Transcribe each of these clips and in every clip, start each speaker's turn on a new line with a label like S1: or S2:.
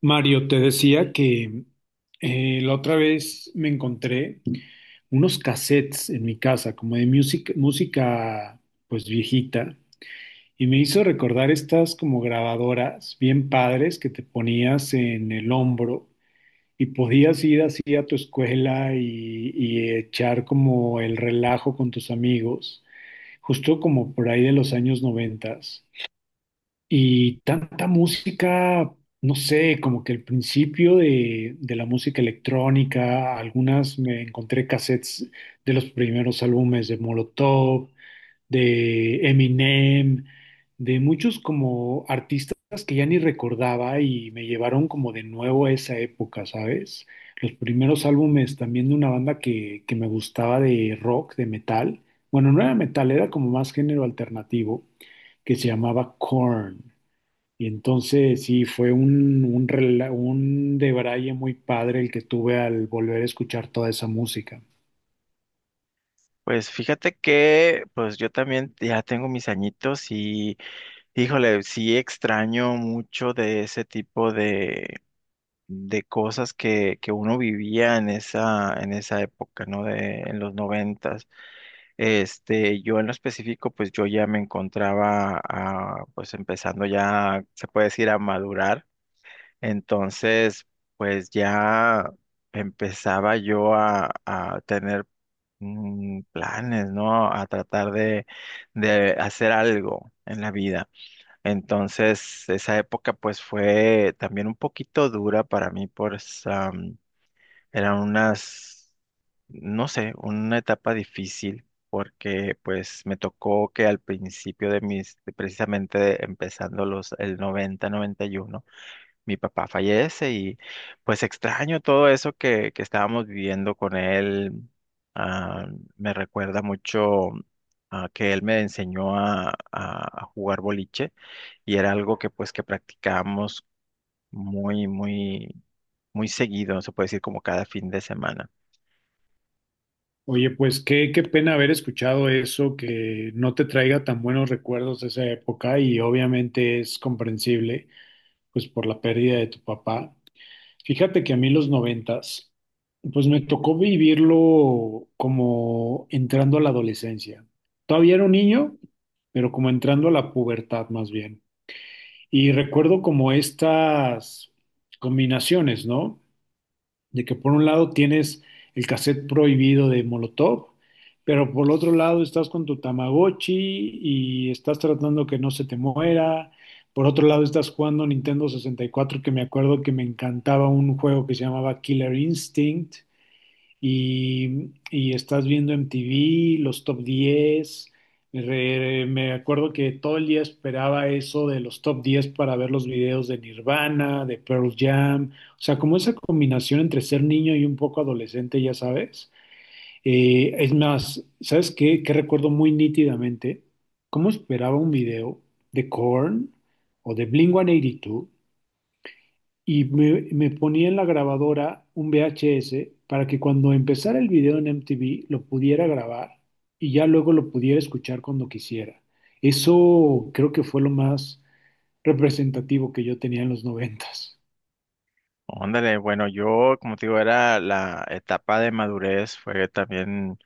S1: Mario, te decía que la otra vez me encontré unos cassettes en mi casa, como de música pues viejita, y me hizo recordar estas como grabadoras bien padres que te ponías en el hombro y podías ir así a tu escuela y echar como el relajo con tus amigos, justo como por ahí de los años noventas. Y tanta música, no sé, como que el principio de la música electrónica, algunas me encontré cassettes de los primeros álbumes de Molotov, de Eminem, de muchos como artistas que ya ni recordaba y me llevaron como de nuevo a esa época, ¿sabes? Los primeros álbumes también de una banda que me gustaba de rock, de metal. Bueno, no era metal, era como más género alternativo, que se llamaba Korn. Y entonces sí, fue un debraye muy padre el que tuve al volver a escuchar toda esa música.
S2: Pues fíjate que pues yo también ya tengo mis añitos y híjole, sí extraño mucho de ese tipo de cosas que uno vivía en esa época, ¿no? De, en los noventas. Este, yo en lo específico, pues yo ya me encontraba pues empezando ya, se puede decir, a madurar. Entonces, pues ya empezaba yo a tener planes, ¿no? A tratar de hacer algo en la vida. Entonces, esa época pues fue también un poquito dura para mí, pues eran unas, no sé, una etapa difícil. Porque pues me tocó que al principio de mis, de precisamente empezando los, el 90, 91 mi papá fallece y pues extraño todo eso que estábamos viviendo con él. Ah, Me recuerda mucho que él me enseñó a, a jugar boliche y era algo que pues que practicábamos muy, muy, muy seguido, se puede decir como cada fin de semana.
S1: Oye, pues qué pena haber escuchado eso, que no te traiga tan buenos recuerdos de esa época y obviamente es comprensible, pues por la pérdida de tu papá. Fíjate que a mí los noventas, pues me tocó vivirlo como entrando a la adolescencia. Todavía era un niño, pero como entrando a la pubertad más bien. Y recuerdo como estas combinaciones, ¿no? De que por un lado tienes el cassette prohibido de Molotov, pero por el otro lado estás con tu Tamagotchi y estás tratando que no se te muera. Por otro lado estás jugando Nintendo sesenta y cuatro, que me acuerdo que me encantaba un juego que se llamaba Killer Instinct y estás viendo MTV, los top diez. Me acuerdo que todo el día esperaba eso de los top 10 para ver los videos de Nirvana, de Pearl Jam. O sea, como esa combinación entre ser niño y un poco adolescente, ya sabes. Es más, ¿sabes qué? Que recuerdo muy nítidamente cómo esperaba un video de Korn o de Blink-182 y me ponía en la grabadora un VHS para que cuando empezara el video en MTV lo pudiera grabar y ya luego lo pudiera escuchar cuando quisiera. Eso creo que fue lo más representativo que yo tenía en los noventas.
S2: Óndale, bueno, yo, como te digo, era la etapa de madurez, fue también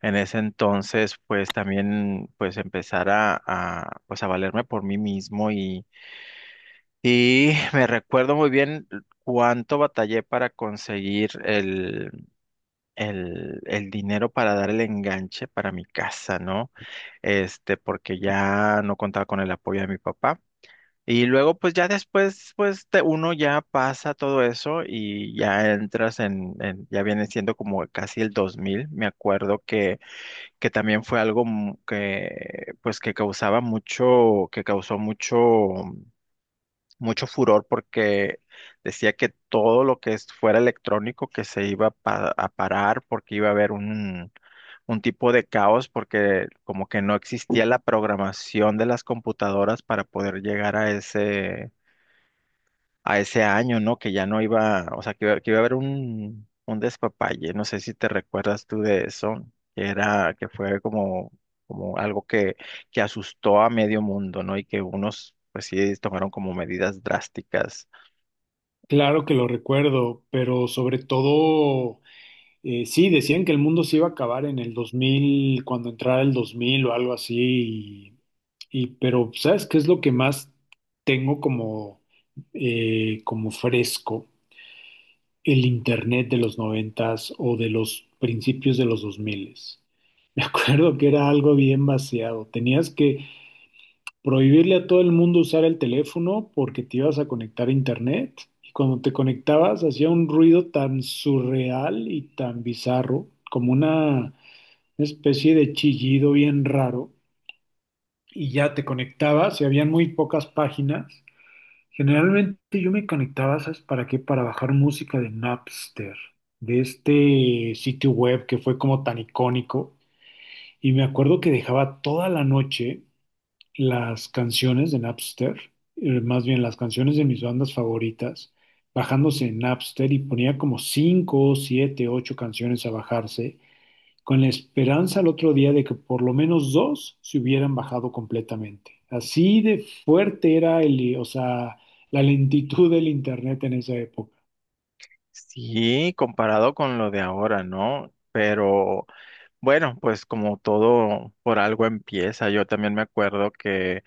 S2: en ese entonces, pues también, pues empezar a, pues a valerme por mí mismo y me recuerdo muy bien cuánto batallé para conseguir el dinero para dar el enganche para mi casa, ¿no? Este, porque ya no contaba con el apoyo de mi papá. Y luego, pues ya después, pues uno ya pasa todo eso y ya entras en, ya viene siendo como casi el 2000. Me acuerdo que también fue algo que, pues que causaba mucho, que causó mucho, mucho furor porque decía que todo lo que fuera electrónico que se iba a parar porque iba a haber un tipo de caos porque como que no existía la programación de las computadoras para poder llegar a ese año, ¿no? Que ya no iba, o sea, que, que iba a haber un despapalle, no sé si te recuerdas tú de eso, que era, que fue como, como algo que asustó a medio mundo, ¿no? Y que unos, pues sí, tomaron como medidas drásticas.
S1: Claro que lo recuerdo, pero sobre todo, sí, decían que el mundo se iba a acabar en el 2000 cuando entrara el 2000 o algo así, pero ¿sabes qué es lo que más tengo como, como fresco? El internet de los noventas o de los principios de los dos miles. Me acuerdo que era algo bien vaciado. Tenías que prohibirle a todo el mundo usar el teléfono porque te ibas a conectar a internet. Y cuando te conectabas hacía un ruido tan surreal y tan bizarro, como una especie de chillido bien raro. Y ya te conectabas y habían muy pocas páginas. Generalmente yo me conectaba, ¿sabes para qué? Para bajar música de Napster, de este sitio web que fue como tan icónico. Y me acuerdo que dejaba toda la noche las canciones de Napster, más bien las canciones de mis bandas favoritas, bajándose en Napster y ponía como 5, 7, 8 canciones a bajarse con la esperanza al otro día de que por lo menos dos se hubieran bajado completamente. Así de fuerte era el, o sea, la lentitud del internet en esa época.
S2: Sí, comparado con lo de ahora, ¿no? Pero bueno, pues como todo por algo empieza, yo también me acuerdo que.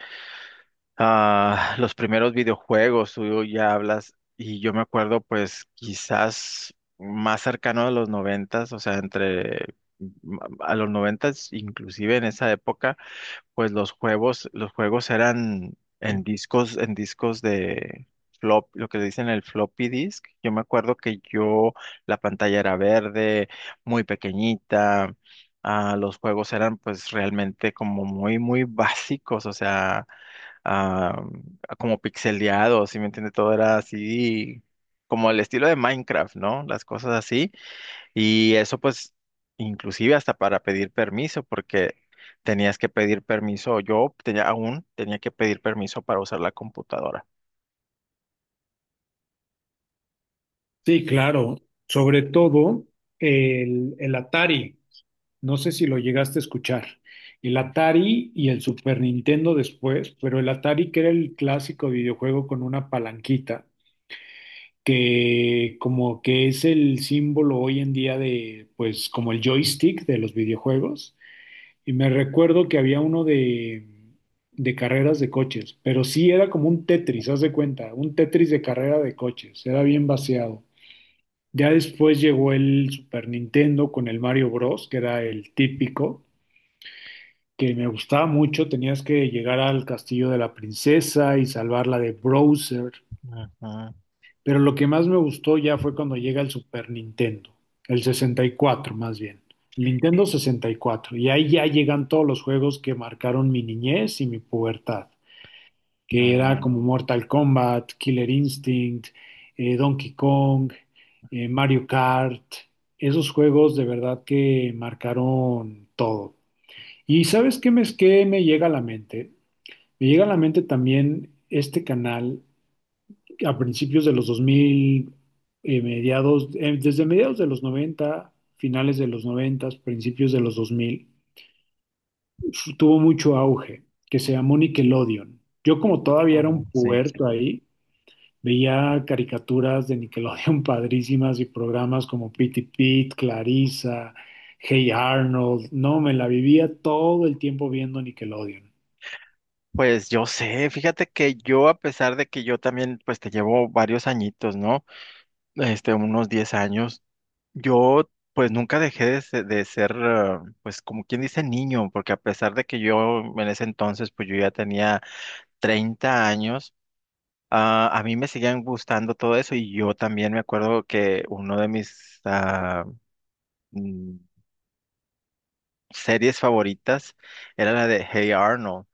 S2: Ah, los primeros videojuegos, tú ya hablas, y yo me acuerdo, pues, quizás más cercano a los noventas, o sea, entre a los noventas, inclusive en esa época, pues los juegos eran en discos de flop, lo que le dicen el floppy disk. Yo me acuerdo que yo, la pantalla era verde, muy pequeñita. Ah, los juegos eran pues realmente como muy, muy básicos, o sea, ah, como pixeleado, ¿si me entiende? Todo era así, como el estilo de Minecraft, ¿no? Las cosas así. Y eso pues, inclusive hasta para pedir permiso, porque tenías que pedir permiso, yo tenía, aún tenía que pedir permiso para usar la computadora.
S1: Sí, claro. Sobre todo el Atari. No sé si lo llegaste a escuchar. El Atari y el Super Nintendo después, pero el Atari que era el clásico videojuego con una palanquita, que como que es el símbolo hoy en día de, pues como el joystick de los videojuegos. Y me recuerdo que había uno de carreras de coches, pero sí era como un Tetris, haz de cuenta, un Tetris de carrera de coches, era bien vaciado. Ya después llegó el Super Nintendo con el Mario Bros, que era el típico, que me gustaba mucho, tenías que llegar al castillo de la princesa y salvarla de Bowser.
S2: Ujú,
S1: Pero lo que más me gustó ya fue cuando llega el Super Nintendo, el 64 más bien, el Nintendo 64. Y cuatro. Y ahí ya llegan todos los juegos que marcaron mi niñez y mi pubertad, que era
S2: ujú,
S1: como Mortal Kombat, Killer Instinct, Donkey Kong, Mario Kart. Esos juegos de verdad que marcaron todo. ¿Y sabes qué me llega a la mente? Me llega a la mente también este canal a principios de los 2000, desde mediados de los 90 finales de los 90 principios de los 2000, tuvo mucho auge, que se llamó Nickelodeon. Yo como todavía era un
S2: ujú, sí.
S1: puberto ahí, veía caricaturas de Nickelodeon padrísimas y programas como Pitty Pit, Clarissa, Hey Arnold. No, me la vivía todo el tiempo viendo Nickelodeon.
S2: Pues yo sé, fíjate que yo, a pesar de que yo también, pues te llevo varios añitos, ¿no? Este, unos 10 años. Yo pues nunca dejé de, de ser, pues como quien dice niño, porque a pesar de que yo en ese entonces pues yo ya tenía 30 años, a mí me seguían gustando todo eso y yo también me acuerdo que uno de mis mm, series favoritas era la de Hey Arnold.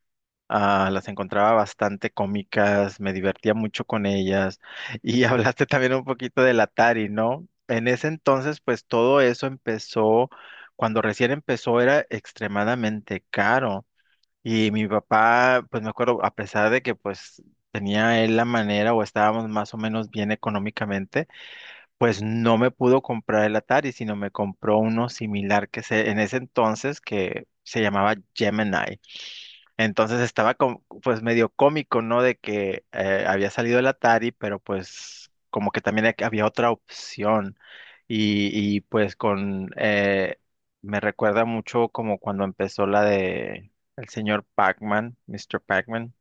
S2: Ah, las encontraba bastante cómicas, me divertía mucho con ellas. Y hablaste también un poquito del Atari, ¿no? En ese entonces, pues todo eso empezó, cuando recién empezó era extremadamente caro. Y mi papá, pues me acuerdo, a pesar de que pues tenía él la manera o estábamos más o menos bien económicamente, pues no me pudo comprar el Atari, sino me compró uno similar que se, en ese entonces que se llamaba Gemini. Entonces estaba pues medio cómico, ¿no? De que había salido el Atari, pero pues como que también había otra opción. Y, pues con, me recuerda mucho como cuando empezó la de el señor Pac-Man, Mr. Pac-Man.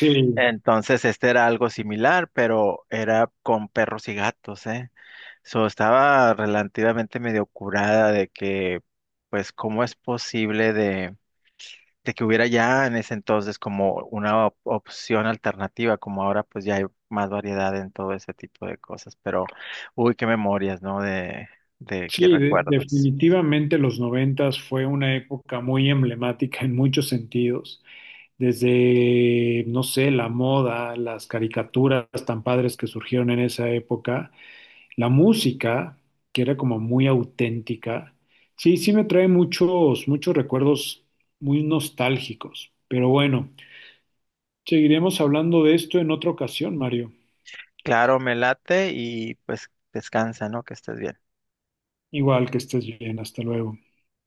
S1: Sí.
S2: Entonces este era algo similar, pero era con perros y gatos, ¿eh? So, estaba relativamente medio curada de que, pues, ¿cómo es posible de que hubiera ya en ese entonces como una opción alternativa, como ahora pues ya hay más variedad en todo ese tipo de cosas, pero uy, qué memorias, ¿no? De qué
S1: Sí,
S2: recuerdos.
S1: definitivamente los noventas fue una época muy emblemática en muchos sentidos, desde, no sé, la moda, las caricaturas tan padres que surgieron en esa época, la música, que era como muy auténtica. Sí, sí me trae muchos recuerdos muy nostálgicos, pero bueno, seguiremos hablando de esto en otra ocasión, Mario.
S2: Claro, me late y pues descansa, ¿no? Que estés bien.
S1: Igual que estés bien, hasta luego.